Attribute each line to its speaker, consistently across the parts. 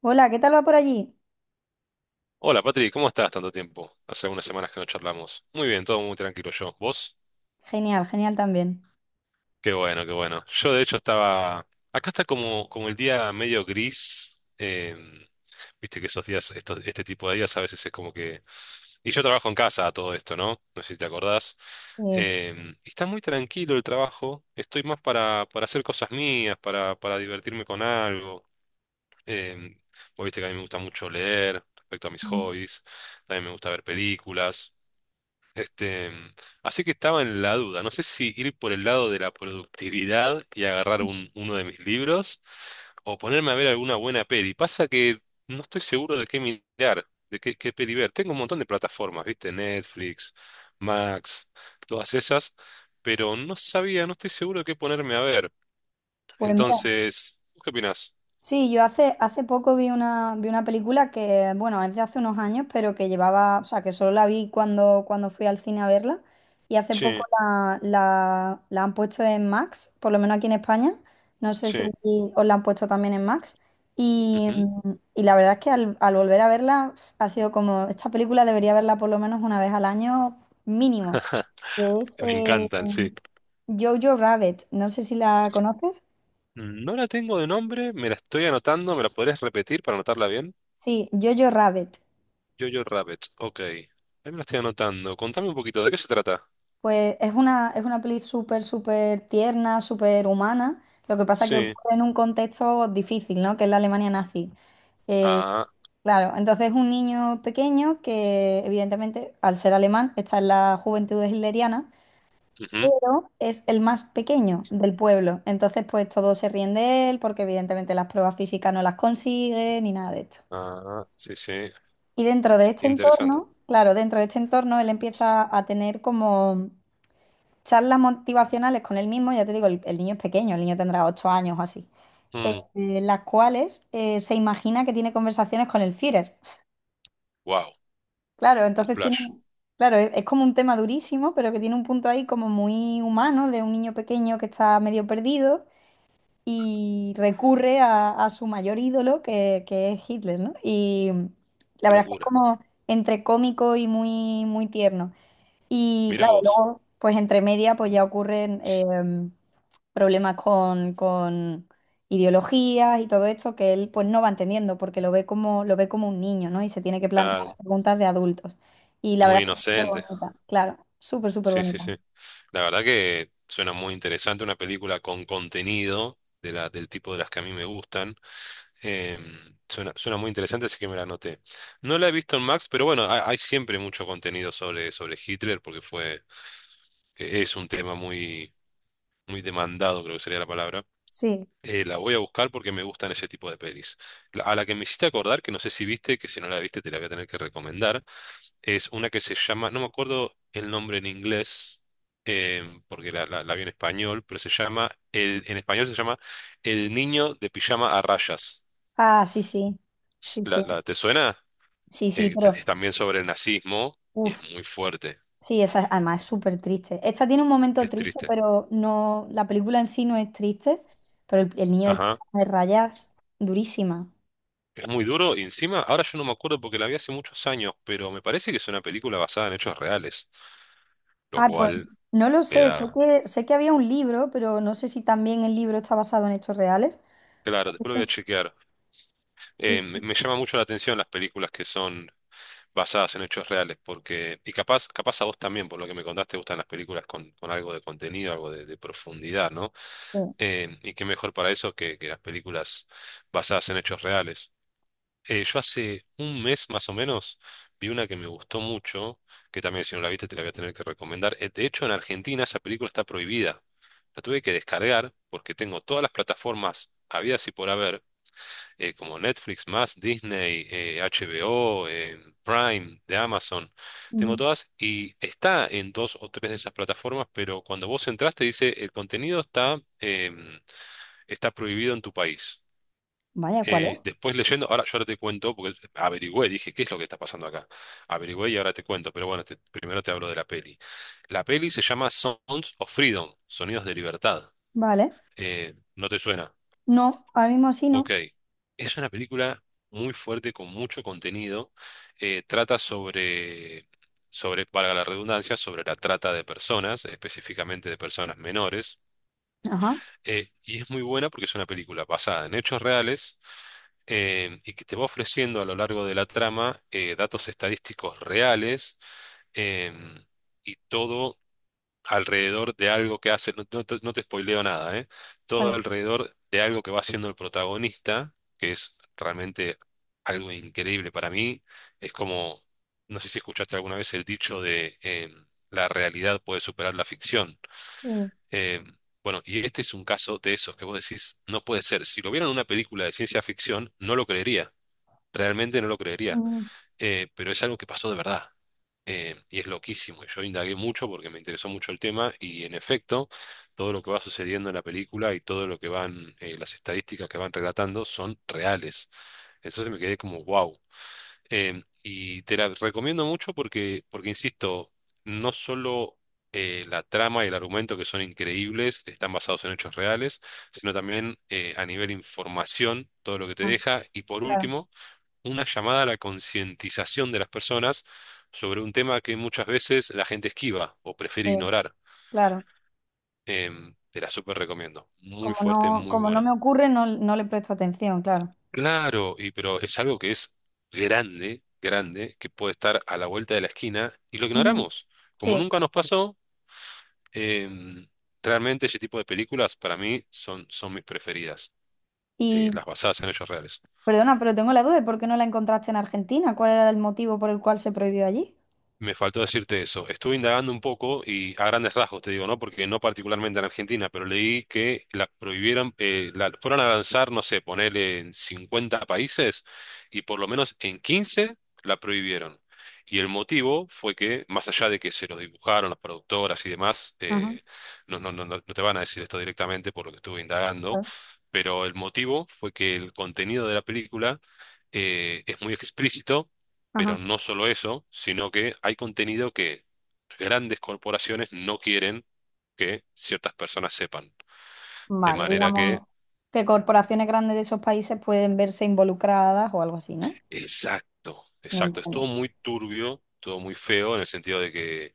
Speaker 1: Hola, ¿qué tal va por allí?
Speaker 2: Hola Patri, ¿cómo estás? Tanto tiempo. Hace unas semanas que no charlamos. Muy bien, todo muy tranquilo yo. ¿Vos?
Speaker 1: Genial, genial también.
Speaker 2: Qué bueno, qué bueno. Yo de hecho estaba... Acá está como, como el día medio gris. Viste que esos días, este tipo de días a veces es como que... Y yo trabajo en casa a todo esto, ¿no? No sé si te acordás.
Speaker 1: Eh,
Speaker 2: Eh, y está muy tranquilo el trabajo. Estoy más para hacer cosas mías, para divertirme con algo. Eh, Vos viste que a mí me gusta mucho leer respecto a mis hobbies. También me gusta ver películas. Este, mm, Así que estaba en la duda. No sé si ir por el lado de la productividad y agarrar uno de mis libros o ponerme a ver alguna buena peli. Pasa que no estoy seguro de qué mirar, qué peli ver. Tengo un montón de plataformas, ¿viste? Netflix, Max, todas esas, pero no estoy seguro de qué ponerme a ver.
Speaker 1: Pues mira,
Speaker 2: Entonces, ¿vos ¿qué opinás?
Speaker 1: sí, yo hace poco vi una película que, bueno, es de hace unos años, pero que llevaba, o sea, que solo la vi cuando fui al cine a verla. Y hace poco
Speaker 2: Sí,
Speaker 1: la han puesto en Max, por lo menos aquí en España. No sé si
Speaker 2: sí.
Speaker 1: aquí os la han puesto también en Max.
Speaker 2: Ujú.
Speaker 1: Y la verdad es que al volver a verla ha sido como, esta película debería verla por lo menos una vez al año mínimo. Que es,
Speaker 2: Me encantan, sí.
Speaker 1: Jojo Rabbit, no sé si la conoces.
Speaker 2: No la tengo de nombre, me la estoy anotando. ¿Me la podés repetir para anotarla bien?
Speaker 1: Sí, Jojo Rabbit.
Speaker 2: Jojo Rabbit, ok. Ahí me lo estoy anotando. Contame un poquito, ¿de qué se trata?
Speaker 1: Pues es una peli súper, súper tierna, súper humana. Lo que pasa que
Speaker 2: Sí.
Speaker 1: ocurre en un contexto difícil, ¿no? Que es la Alemania nazi. Eh,
Speaker 2: Ah.
Speaker 1: claro, entonces es un niño pequeño que, evidentemente, al ser alemán, está en la juventud hitleriana,
Speaker 2: Ujú.
Speaker 1: pero es el más pequeño del pueblo. Entonces, pues todos se ríen de él porque, evidentemente, las pruebas físicas no las consigue ni nada de esto.
Speaker 2: Ah, sí, sí.
Speaker 1: Y dentro de este
Speaker 2: Interesante.
Speaker 1: entorno, claro, dentro de este entorno él empieza a tener como charlas motivacionales con él mismo, ya te digo, el niño es pequeño, el niño tendrá ocho años o así,
Speaker 2: Mm,
Speaker 1: las cuales se imagina que tiene conversaciones con el Führer.
Speaker 2: wow,
Speaker 1: Claro,
Speaker 2: un
Speaker 1: entonces tiene,
Speaker 2: flash.
Speaker 1: claro, es como un tema durísimo, pero que tiene un punto ahí como muy humano de un niño pequeño que está medio perdido y recurre a su mayor ídolo, que es Hitler, ¿no? Y la
Speaker 2: Qué
Speaker 1: verdad es que es
Speaker 2: locura.
Speaker 1: como entre cómico y muy, muy tierno. Y
Speaker 2: Mira
Speaker 1: claro,
Speaker 2: vos.
Speaker 1: luego, pues entre media, pues ya ocurren problemas con ideologías y todo esto que él pues no va entendiendo porque lo ve como un niño, ¿no? Y se tiene que plantear
Speaker 2: Claro,
Speaker 1: preguntas de adultos. Y la
Speaker 2: muy
Speaker 1: verdad es que es súper
Speaker 2: inocente.
Speaker 1: bonita, claro, súper, súper
Speaker 2: Sí, sí,
Speaker 1: bonita.
Speaker 2: sí. La verdad que suena muy interesante, una película con contenido de del tipo de las que a mí me gustan. Suena muy interesante, así que me la anoté. No la he visto en Max, pero bueno, hay siempre mucho contenido sobre Hitler porque fue, es un tema muy muy demandado, creo que sería la palabra.
Speaker 1: Sí.
Speaker 2: La voy a buscar porque me gustan ese tipo de pelis. A la que me hiciste acordar, que no sé si viste, que si no la viste te la voy a tener que recomendar, es una que se llama, no me acuerdo el nombre en inglés, porque la vi en español, pero se llama, en español se llama El niño de pijama a rayas.
Speaker 1: Ah, sí, sí. Sí, sí.
Speaker 2: Te suena?
Speaker 1: Sí, sí, pero...
Speaker 2: Es también sobre el nazismo y es
Speaker 1: Uff.
Speaker 2: muy fuerte,
Speaker 1: Sí, esa es- además es súper triste. Esta tiene un momento
Speaker 2: es
Speaker 1: triste,
Speaker 2: triste.
Speaker 1: pero no, la película en sí no es triste, pero el niño del
Speaker 2: Ajá.
Speaker 1: pijama de rayas, durísima.
Speaker 2: Es muy duro y, encima, ahora yo no me acuerdo porque la vi hace muchos años, pero me parece que es una película basada en hechos reales, lo
Speaker 1: Ah, pues
Speaker 2: cual
Speaker 1: no lo
Speaker 2: le
Speaker 1: sé,
Speaker 2: da...
Speaker 1: sé que había un libro, pero no sé si también el libro está basado en hechos reales.
Speaker 2: Claro,
Speaker 1: No
Speaker 2: después lo
Speaker 1: sé.
Speaker 2: voy a chequear.
Speaker 1: Sí, sí,
Speaker 2: Me llama mucho la atención las películas que son basadas en hechos reales, porque... Y capaz, capaz a vos también, por lo que me contaste, te gustan las películas con algo de contenido, algo de profundidad, ¿no?
Speaker 1: sí.
Speaker 2: Y qué mejor para eso que las películas basadas en hechos reales. Yo hace un mes más o menos vi una que me gustó mucho, que también si no la viste te la voy a tener que recomendar. De hecho, en Argentina esa película está prohibida. La tuve que descargar porque tengo todas las plataformas habidas y por haber, como Netflix más, Disney, HBO, Prime, de Amazon. Tengo
Speaker 1: Ujú.
Speaker 2: todas y está en dos o tres de esas plataformas, pero cuando vos entras te dice el contenido está, está prohibido en tu país.
Speaker 1: Vaya, ¿cuál es?
Speaker 2: Después leyendo, ahora te cuento, porque averigüé, dije, ¿qué es lo que está pasando acá? Averigüé y ahora te cuento, pero bueno, primero te hablo de la peli. La peli se llama Sounds of Freedom, Sonidos de Libertad.
Speaker 1: Vale.
Speaker 2: ¿No te suena?
Speaker 1: No, ahora mismo sí no.
Speaker 2: Ok. Es una película muy fuerte, con mucho contenido. Eh, trata sobre, sobre, para la redundancia, sobre la trata de personas, específicamente de personas menores.
Speaker 1: Ajá,
Speaker 2: Y es muy buena porque es una película basada en hechos reales, y que te va ofreciendo a lo largo de la trama datos estadísticos reales, em, y todo alrededor de algo que hace, no te spoileo nada, todo
Speaker 1: vale.
Speaker 2: alrededor de algo que va haciendo el protagonista, que es realmente algo increíble para mí. Es como, no sé si escuchaste alguna vez el dicho de la realidad puede superar la ficción.
Speaker 1: Sí.
Speaker 2: Em, bueno, y este es un caso de esos que vos decís, no puede ser. Si lo vieran en una película de ciencia ficción, no lo creería. Realmente no lo creería,
Speaker 1: Mm,
Speaker 2: pero es algo que pasó de verdad. Y es loquísimo. Y yo indagué mucho porque me interesó mucho el tema y, en efecto, todo lo que va sucediendo en la película y todo lo que van, las estadísticas que van relatando son reales. Entonces me quedé como, wow. Y te la recomiendo mucho porque, porque insisto, no solo... la trama y el argumento, que son increíbles, están basados en hechos reales, sino también, a nivel información, todo lo que te
Speaker 1: ah,
Speaker 2: deja. Y, por
Speaker 1: claro,
Speaker 2: último, una llamada a la concientización de las personas sobre un tema que muchas veces la gente esquiva o prefiere
Speaker 1: sí,
Speaker 2: ignorar.
Speaker 1: claro.
Speaker 2: Te la súper recomiendo. Muy fuerte, muy
Speaker 1: Como no
Speaker 2: buena.
Speaker 1: me ocurre, no, no le presto atención, claro.
Speaker 2: Claro, y pero es algo que es grande, grande, que puede estar a la vuelta de la esquina y lo
Speaker 1: Ujú.
Speaker 2: ignoramos. Como nunca nos pasó, em, realmente ese tipo de películas para mí son mis preferidas,
Speaker 1: Sí.
Speaker 2: las basadas en hechos reales.
Speaker 1: Perdona, pero tengo la duda de por qué no la encontraste en Argentina. ¿Cuál era el motivo por el cual se prohibió allí?
Speaker 2: Me faltó decirte eso. Estuve indagando un poco y a grandes rasgos te digo, ¿no? Porque no particularmente en Argentina, pero leí que la prohibieran, la fueron a lanzar, no sé, ponerle en 50 países y por lo menos en 15 la prohibieron. Y el motivo fue que, más allá de que se los dibujaron las productoras y demás,
Speaker 1: Ajá,
Speaker 2: no te van a decir esto directamente por lo que estuve indagando,
Speaker 1: a
Speaker 2: pero el motivo fue que el contenido de la película es muy explícito, pero
Speaker 1: ajá.
Speaker 2: no solo eso, sino que hay contenido que grandes corporaciones no quieren que ciertas personas sepan. De
Speaker 1: Vale,
Speaker 2: manera que,
Speaker 1: digamos que corporaciones grandes de esos países pueden verse involucradas o algo así, ¿no?
Speaker 2: exacto,
Speaker 1: Me
Speaker 2: exacto, es todo
Speaker 1: entiendo.
Speaker 2: muy turbio, todo muy feo en el sentido de que,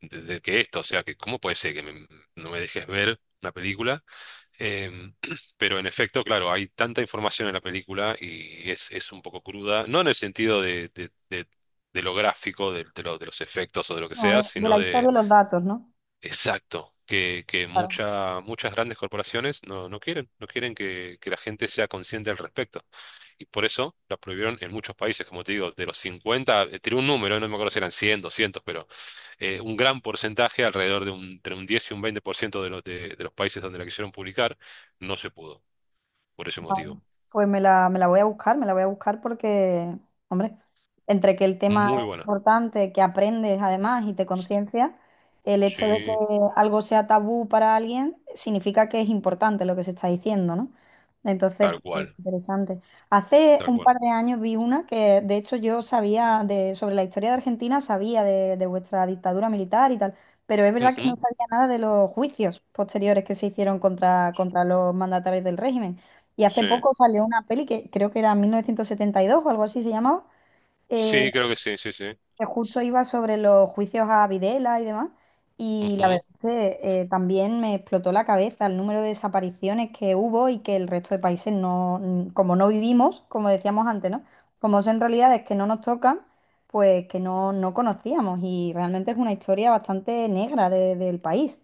Speaker 2: de que esto, o sea, que cómo puede ser que no me dejes ver una película. Em, pero, en efecto, claro, hay tanta información en la película y es un poco cruda, no en el sentido de lo gráfico, de los efectos o de lo que
Speaker 1: A
Speaker 2: sea,
Speaker 1: ver, de
Speaker 2: sino
Speaker 1: la historia
Speaker 2: de...
Speaker 1: y los datos, ¿no?
Speaker 2: Exacto, que muchas grandes corporaciones no quieren, no quieren que la gente sea consciente al respecto. Y por eso la prohibieron en muchos países, como te digo, de los 50, tiré un número, no me acuerdo si eran 100, 200, pero un gran porcentaje, alrededor de un, entre un 10 y un 20% de de los países donde la quisieron publicar, no se pudo, por ese
Speaker 1: Vale.
Speaker 2: motivo.
Speaker 1: Pues me la voy a buscar, me la voy a buscar porque, hombre, entre que el tema es
Speaker 2: Muy buena.
Speaker 1: importante, que aprendes además y te conciencias, el hecho de
Speaker 2: Sí,
Speaker 1: que algo sea tabú para alguien significa que es importante lo que se está diciendo, ¿no? Entonces,
Speaker 2: tal
Speaker 1: pues,
Speaker 2: cual,
Speaker 1: interesante. Hace
Speaker 2: tal
Speaker 1: un
Speaker 2: cual.
Speaker 1: par de años vi una que, de hecho, yo sabía de, sobre la historia de Argentina, sabía de vuestra dictadura militar y tal, pero es verdad que no
Speaker 2: Ujú.
Speaker 1: sabía nada de los juicios posteriores que se hicieron contra, contra los mandatarios del régimen. Y hace
Speaker 2: Sí,
Speaker 1: poco salió una peli que creo que era 1972 o algo así se llamaba, eh,
Speaker 2: sí, creo que sí, sí, sí.
Speaker 1: que justo iba sobre los juicios a Videla y demás. Y la verdad es que también me explotó la cabeza el número de desapariciones que hubo y que el resto de países como no vivimos, como decíamos antes, ¿no? Como son realidades que no nos tocan, pues que no, no conocíamos. Y realmente es una historia bastante negra de- del país.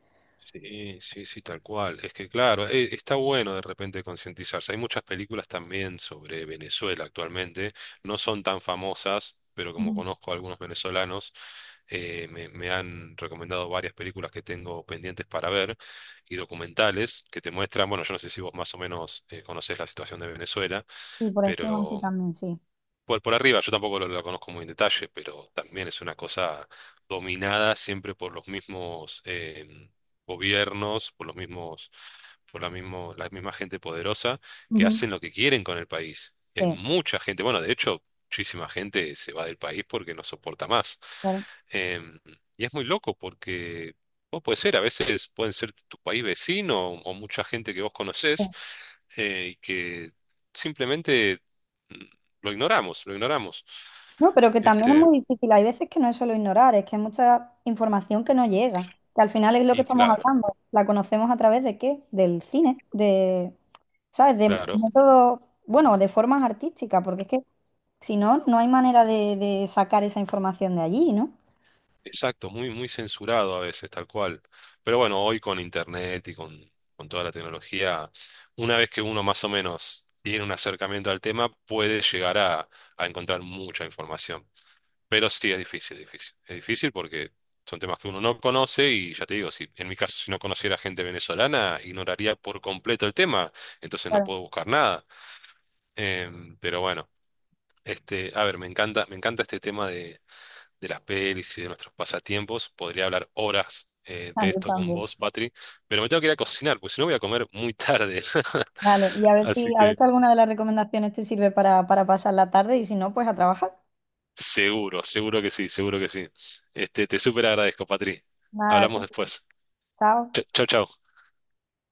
Speaker 2: Sí, sí, sí, tal cual. Es que claro, está bueno de repente concientizarse. Hay muchas películas también sobre Venezuela actualmente. No son tan famosas, pero como
Speaker 1: Ujú.
Speaker 2: conozco a algunos venezolanos, me han recomendado varias películas que tengo pendientes para ver y documentales que te muestran, bueno, yo no sé si vos más o menos, conocés la situación de Venezuela,
Speaker 1: Y por encima sí
Speaker 2: pero
Speaker 1: también, sí.
Speaker 2: por arriba, yo tampoco lo conozco muy en detalle, pero también es una cosa dominada siempre por los mismos gobiernos, por los mismos, la misma gente poderosa que
Speaker 1: Ujú.
Speaker 2: hacen lo que quieren con el país. Y hay
Speaker 1: Sí,
Speaker 2: mucha gente, bueno, de hecho, muchísima gente se va del país porque no soporta más.
Speaker 1: claro.
Speaker 2: Em, y es muy loco porque a veces pueden ser tu país vecino o mucha gente que vos conocés, y que simplemente mm, lo ignoramos, lo ignoramos.
Speaker 1: No, pero que también es
Speaker 2: Este,
Speaker 1: muy difícil. Hay veces que no es solo ignorar, es que hay mucha información que no llega. Que al final es lo que
Speaker 2: y
Speaker 1: estamos
Speaker 2: claro,
Speaker 1: hablando. La conocemos a través de qué? Del cine, de, ¿sabes? De
Speaker 2: claro,
Speaker 1: métodos, bueno, de formas artísticas, porque es que si no, no hay manera de sacar esa información de allí, ¿no?
Speaker 2: exacto, muy, muy censurado a veces, tal cual. Pero bueno, hoy con internet y con toda la tecnología, una vez que uno más o menos tiene un acercamiento al tema, puede llegar a encontrar mucha información. Pero sí, es difícil, es difícil. Es difícil porque son temas que uno no conoce y ya te digo, si en mi caso, si no conociera gente venezolana, ignoraría por completo el tema, entonces no
Speaker 1: Claro,
Speaker 2: puedo buscar nada. Pero bueno. A ver, me encanta este tema de las pelis y de nuestros pasatiempos. Podría hablar horas,
Speaker 1: ah,
Speaker 2: de
Speaker 1: yo
Speaker 2: esto con
Speaker 1: también.
Speaker 2: vos, Patri, pero me tengo que ir a cocinar, porque si no voy a comer muy tarde.
Speaker 1: Vale, y
Speaker 2: Así
Speaker 1: a ver
Speaker 2: que
Speaker 1: si alguna de las recomendaciones te sirve para pasar la tarde y si no, pues a trabajar.
Speaker 2: seguro, seguro que sí, seguro que sí. Te súper agradezco, Patri.
Speaker 1: Nada,
Speaker 2: Hablamos
Speaker 1: tú,
Speaker 2: después.
Speaker 1: chao.
Speaker 2: Chao, chao.